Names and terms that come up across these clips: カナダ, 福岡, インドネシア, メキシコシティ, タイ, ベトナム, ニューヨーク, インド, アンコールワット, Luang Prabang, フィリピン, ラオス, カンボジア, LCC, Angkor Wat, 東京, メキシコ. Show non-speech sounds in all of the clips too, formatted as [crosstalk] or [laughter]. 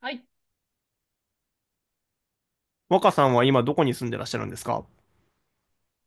はい。若さんは今どこに住んでらっしゃるんですか？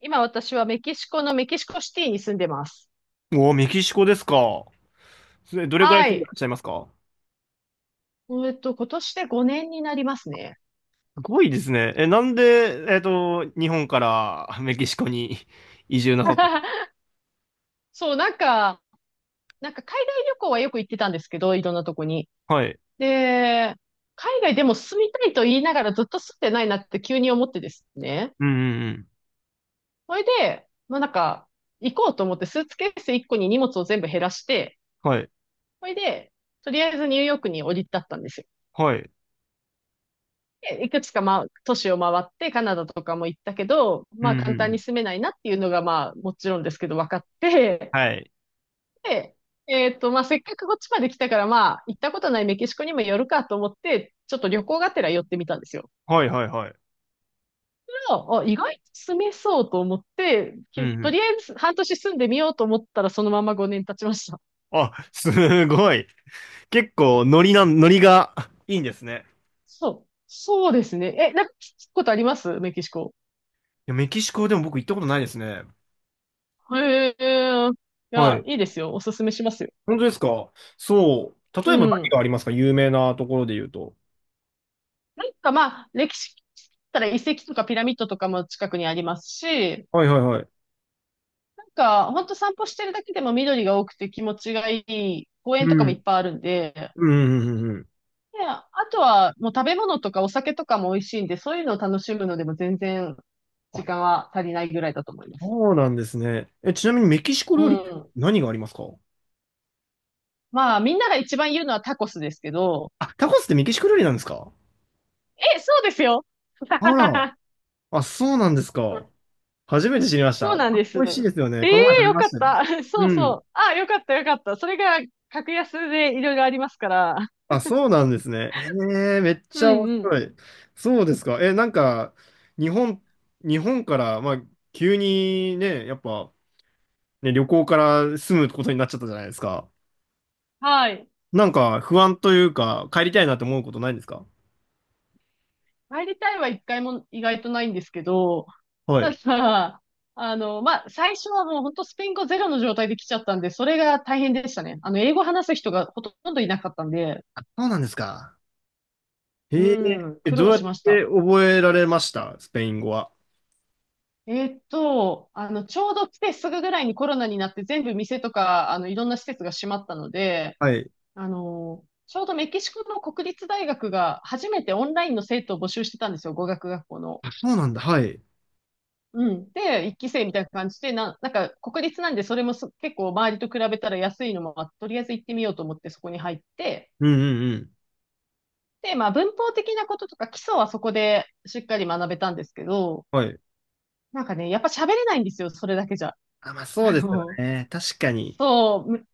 今私はメキシコのメキシコシティに住んでます。おおー、メキシコですか。それどれくらいは住んでらい。っしゃいますか？今年で5年になりますね。すごいですね。え、なんで、日本から [laughs] メキシコに [laughs] 移住なさった？ [laughs] そう、なんか、海外旅行はよく行ってたんですけど、いろんなとこに。はい。で、海外でも住みたいと言いながらずっと住んでないなって急に思ってですね。うんうんそれで、まあなんか、行こうと思ってスーツケース1個に荷物を全部減らして、うん。はい。それで、とりあえずニューヨークに降り立ったんですよ。はい。でいくつか、まあ、都市を回って、カナダとかも行ったけど、うまあ、んうん簡単うにん。住めないなっていうのが、まあ、もちろんですけど、分かって、はい。で、まあ、せっかくこっちまで来たから、まあ、行ったことないメキシコにも寄るかと思って、ちょっと旅行がてら寄ってみたんですよ。はいはいはい。そあ、あ意外と住めそうと思って、うんきうとん。りあえず半年住んでみようと思ったら、そのまま5年経ちました。あ、すごい。結構ノリが [laughs] いいんですね。そう。そうですね。え、なんか聞くことありますメキシコ？いや、メキシコでも僕行ったことないですね。へえ。いはや、い。いいですよ。おすすめしますよ。本当ですか？そう。う例えば何がん。ありますか？有名なところで言うと。なんかまあ、歴史だったら遺跡とかピラミッドとかも近くにありますし、はいはいはい。なんか本当散歩してるだけでも緑が多くて気持ちがいい公園とかうもいん。っぱいあるんで、うん、うん、うん。うん。で、あとはもう食べ物とかお酒とかも美味しいんで、そういうのを楽しむのでも全然あ、時間は足りないぐらいだと思います。そうなんですね。え、ちなみにメキシコう料理ってん。何がありますか？まあみんなが一番言うのはタコスですけど、あ、タコスってメキシコ料理なんですか？え、そうですよ。あら。[laughs] あ、そうなんですか。初めて知りましそた。うあ、なんです。美味しいですよね。えこの前食えべよまかっしたね。た。[laughs] うそうそん。う。あ、よかった、よかった。それが格安でいろいろありますから。あ、そうなんですね。へえ、めっうちゃん面う白ん。い。そうですか。え、なんか、日本、日本から、まあ、急にね、やっぱ、ね、旅行から住むことになっちゃったじゃないですか。はい。なんか、不安というか、帰りたいなって思うことないんですか？入りたいは一回も意外とないんですけど、はたい。だ、まあ、最初はもう本当スペイン語ゼロの状態で来ちゃったんで、それが大変でしたね。あの、英語話す人がほとんどいなかったんで、あ、そうなんですか。うへえ、ん、え苦どう労やっしましてた。覚えられましたスペイン語は。ちょうど来てすぐぐらいにコロナになって全部店とか、あの、いろんな施設が閉まったので、はい。あの、ちょうどメキシコの国立大学が初めてオンラインの生徒を募集してたんですよ、語学学校の。あ、そうなんだ。はい。うん。で、一期生みたいな感じで、なんか国立なんでそれも結構周りと比べたら安いのもあって、とりあえず行ってみようと思ってそこに入って、うんうんうん。で、まあ文法的なこととか基礎はそこでしっかり学べたんですけど、はい。なんかね、やっぱ喋れないんですよ、それだけじゃ。あ、まあ [laughs] そうあですよの、ね。確かに。そう、む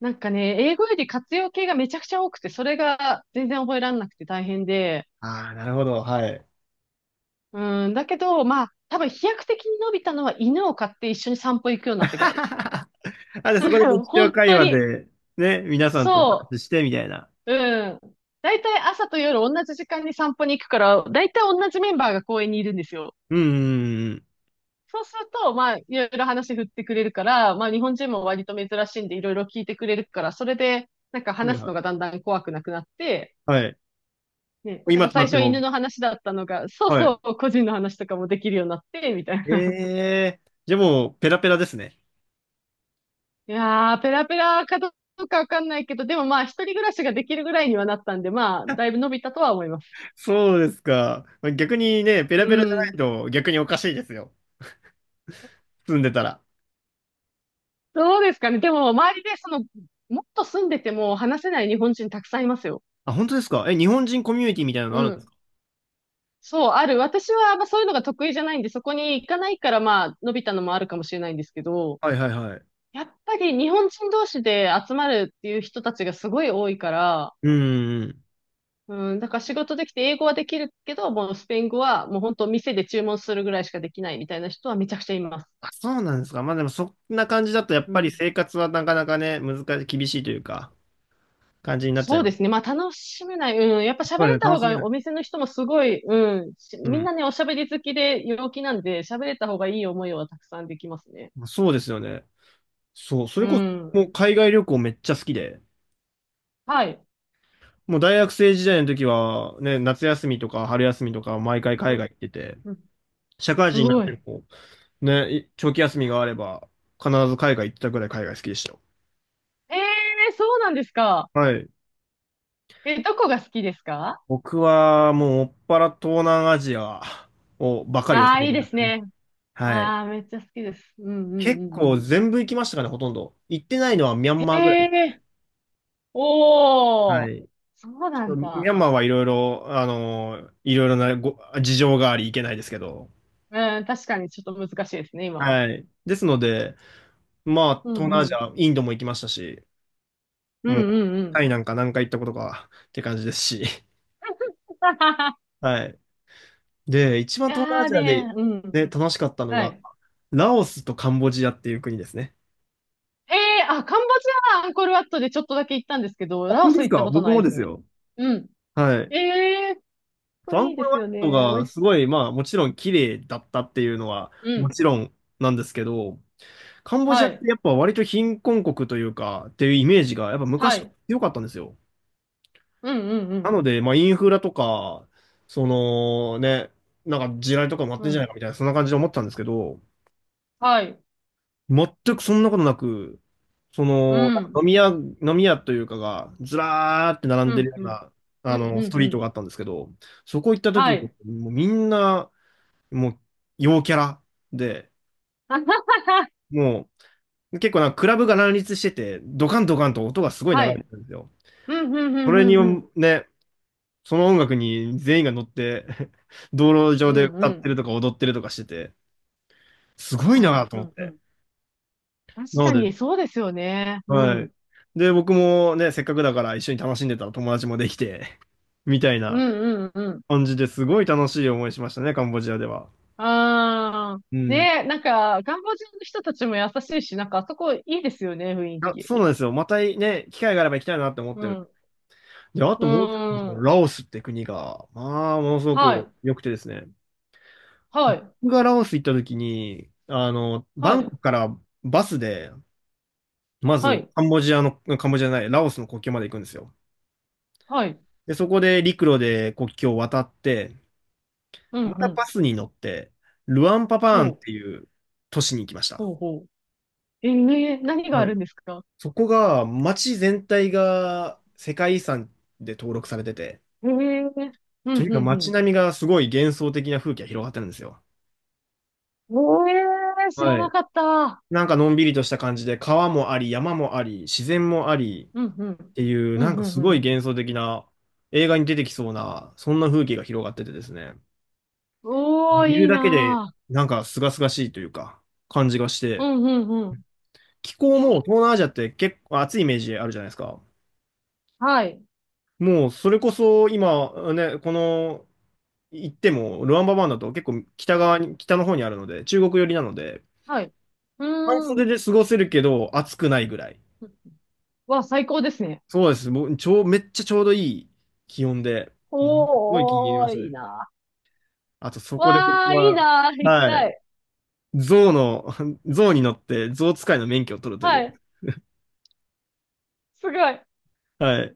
なんかね、英語より活用形がめちゃくちゃ多くて、それが全然覚えられなくて大変で、ああ、なるほど。はい。うん、だけど、まあ、多分飛躍的に伸びたのは犬を飼って一緒に散歩行くようになってからです。[laughs] あ、で、そこで [laughs] 日常本会当話に。で、ね、皆さんとおそ話しして、みたいな。う。うん。だいたい朝と夜同じ時間に散歩に行くから、だいたい同じメンバーが公園にいるんですよ。うんうんうんうん。そうすると、まあ、いろいろ話振ってくれるから、まあ、日本人も割と珍しいんで、いろいろ聞いてくれるから、それで、なんかはい話すはのい。がだんだん怖くなくなって、はい。ね、なん今かとな最っ初ては犬も、の話だったのが、そうはい。そう、個人の話とかもできるようになって、みたいえな。えー、じゃあもう、ペラペラですね。いやー、ペラペラかどうかわかんないけど、でもまあ、一人暮らしができるぐらいにはなったんで、まあ、だいぶ伸びたとは思います。[laughs] そうですか。逆にね、ペラうペラじゃないん。と逆におかしいですよ。住んでたら。どうですかね。でも、周りで、その、もっと住んでても話せない日本人たくさんいますよ。あ、本当ですか？え、日本人コミュニティみたいなのうあるんでん。すか？そう、ある。私は、まあ、そういうのが得意じゃないんで、そこに行かないから、まあ、伸びたのもあるかもしれないんですけど、はいはいはい。やっぱり日本人同士で集まるっていう人たちがすごい多いから、うん。うん、だから仕事できて英語はできるけど、もうスペイン語はもう本当店で注文するぐらいしかできないみたいな人はめちゃくちゃいます。あ、そうなんですか。まあでもそんな感じだとやっうぱりん。生活はなかなかね、難しい、厳しいというか、感じになっちゃいそうまです。すね。まあ楽しめない。うん。やっぱ喋そうでれすたね、楽方しめがなおい。店の人もすごい、うん。うみんん。なね、おしゃべり好きで陽気なんで、喋れた方がいい思いはたくさんできますね。まあそうですよね。そう、そうれこそもん。う海外旅行めっちゃ好きで、はい。もう大学生時代の時はね、夏休みとか春休みとか毎回う海ん。外行ってて、うん社会す人になっごい。てえもね、い長期休みがあれば必ず海外行ってたくらい海外好きでしたよ。えーそうなんですか。はい。え、どこが好きですか？僕はもうもっぱら東南アジアをばかりをああ攻ー、めいいてでましすたね。ね。はい。ああ、めっちゃ好きです。うんうん結うんう構ん。全部行きましたかね、ほとんど。行ってないのはミャンへマーぐらいですかえね。おはー、い。そうちなょっんとミャだ。ンマーはいろいろ、いろいろなご事情があり行けないですけど。うん、確かにちょっと難しいですね、今は。はい。ですので、まあ、う東ん南アうジん。ア、インドも行きましたし、うんもう、うんうタん。イなんか何回行ったことかって感じですし。[laughs] はい。で、一い番東南アやージアで、ね、うん。ね、楽しかったのはが、い。ラオスとカンボジアっていう国ですね。えあ、カンボジアはアンコールワットでちょっとだけ行ったんですけど、ラオ本当スです行ったか？こと僕なもいでですすね。よ。うん。はい。ええそー、うアンいいコーでルすワッよトね。美が味すしごい、まあもちろん綺麗だったっていうのはい。うもん。ちろんなんですけど、カンボジはアってい。やっぱ割と貧困国というかっていうイメージがやっぱは昔からい。強かったんですよ。うんうんうなん。ので、まあインフラとか、そのね、なんか地雷とかもあっうてんじゃないん。かみたいな、そんな感じで思ってたんですけど、はい。全くそんなことなく、そうの、なんかん。飲み屋というかが、ずらーって並んうでるん。よううん。な、うん。スうトん。うリートがあんったんですけど、そこ行ったは時に、い。もうみんな、もう、陽キャラで、[laughs] もう、結構なんかクラブが乱立してて、ドカンドカンと音がすごい流はれてい。るんですよ。うん。うん。うそん。れうに、ん。うん。ね、その音楽に全員が乗って、[laughs] 道路う上でん。う歌ってん。るとか踊ってるとかしてて、す確ごいかに。なとう思っんうて。ん。確なのかで、に、そうですよね。うはん。い。で、僕もね、せっかくだから一緒に楽しんでたら友達もできて、[laughs] みたいうなんうんうん。感じですごい楽しい思いしましたね、カンボジアでは。あー。うん。ねえ、なんか、カンボジアの人たちも優しいし、なんか、あそこいいですよね、雰囲あ、気。そうなんですよ。またね、機会があれば行きたいなって思っうてる。ん。で、あうともう一つ、ん。ラオスって国が、まあ、ものすごはくい。良くてですね。はい。僕がラオス行った時に、バはンコい。クからバスで、まはずい。カンボジアじゃない、ラオスの国境まで行くんですよ。はい。で、そこで陸路で国境を渡って、うんまたうバん。スに乗って、ルアンパパーンほってう。いう都市に行きました。ほうほう。えねえ何があはい。るんですか？そこが、街全体が世界遺産で登録されてて、ええうとにんかくうんう街ん。並みがすごい幻想的な風景が広がってるんですよ。ええ知らはない。かった。なんかのんびりとした感じで、川もあり、山もあり、自然もありうっんうん。ていう、うなんんうかんすうごいん。幻想的な、映画に出てきそうな、そんな風景が広がっててですね、おー、いいるいだけで、ななんか清々しいというか、感じがしぁ。うて、んうんうん。気候も東南アジアって結構暑いイメージあるじゃないですか。はい。もうそれこそ今ね、この行ってもルワンババンだと結構北うん側に、北の方にあるので、中国寄りなので、はい。う半ー袖ん。で過ごせるけど暑くないぐらい。わ、最高ですね。そうです。もうちょう、めっちゃちょうどいい気温で、うんすごい気に入りおまー、したいいね。な。あとそこで僕わー、いいは、なー。行きはたい、い。象の、[laughs] 象に乗って象使いの免許を取るといはう。い。すごい。はい。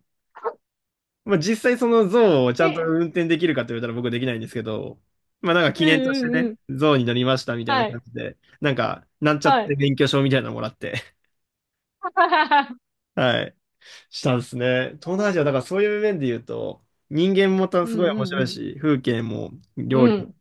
まあ、実際その象をちゃんとえ、運転できるかって言われたら僕できないんですけど、まあなんかう記ん念としうてんうね、ん。象に乗りましたみたいなは感い。じで、なんか、なんちゃっはてい。免許証みたいなのもらって、[laughs] [laughs] はい、したんですね。東南アジア、だからそういう面で言うと、人間もたうすごいん面う白いんし、風景もう料ん。理うもん。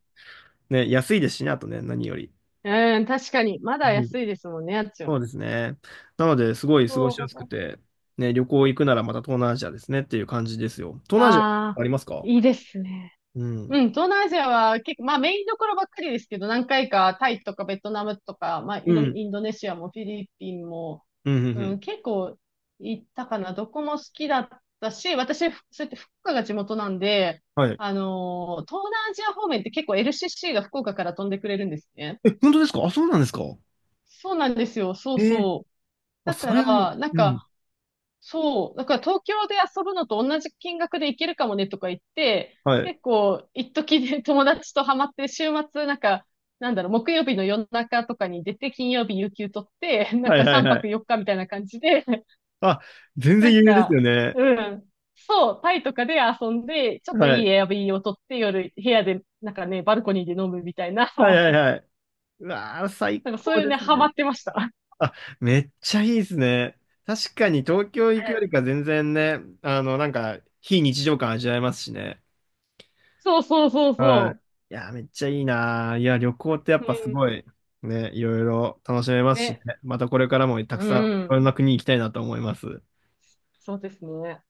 ね、安いですしね、あとね、何より。うん、確かに。まだうん、安いですもんね、あっちは。そうですね。なので、すごい過ごしやおすくー、て、ね、旅行行くならまた東南アジアですねっていう感じですよ。東南アジアあああ、りますか？いいですね。ううん。ん、東南アジアは結構、まあメインどころばっかりですけど、何回かタイとかベトナムとか、まあイうンド、ん。インドネシアもフィリピンも、うん、うん、ううん、ん。結構行ったかな。どこも好きだったし、私、そうやって福岡が地元なんで、はい。あのー東南アジア方面って結構 LCC が福岡から飛んでくれるんですね。え、本当ですか？あ、そうなんですか？そうなんですよ。そうええ、そう。あ、だそかれは、ら、なんうん。か、そう。だから東京で遊ぶのと同じ金額で行けるかもねとか言って、はい。結構、一時で友達とハマって、週末、なんか、なんだろう、木曜日の夜中とかに出て、金曜日有給取って、[laughs] なんはいかはい3は泊い。4日みたいな感じで、[laughs] あ、全然なん余裕ですよか、ね。うん。そう、タイとかで遊んで、ちょっとはいいい。エアビーを取って、夜、部屋で、なんかね、バルコニーで飲むみたいな、はいは [laughs] いはい。うわー、最なんかそう高いうでね、すハマね。ってました。あ、めっちゃいいですね。確かに東京行くよりか全然ね、なんか、非日常感味わえますしね。そうそうそうはそい。いやー、めっちゃいいなー。いや、旅行ってやっう。ぱすうん。ごい、ね、いろいろ楽しめますしね。ね。またこれからもたくうさんいん。ろんな国行きたいなと思います。そうですね。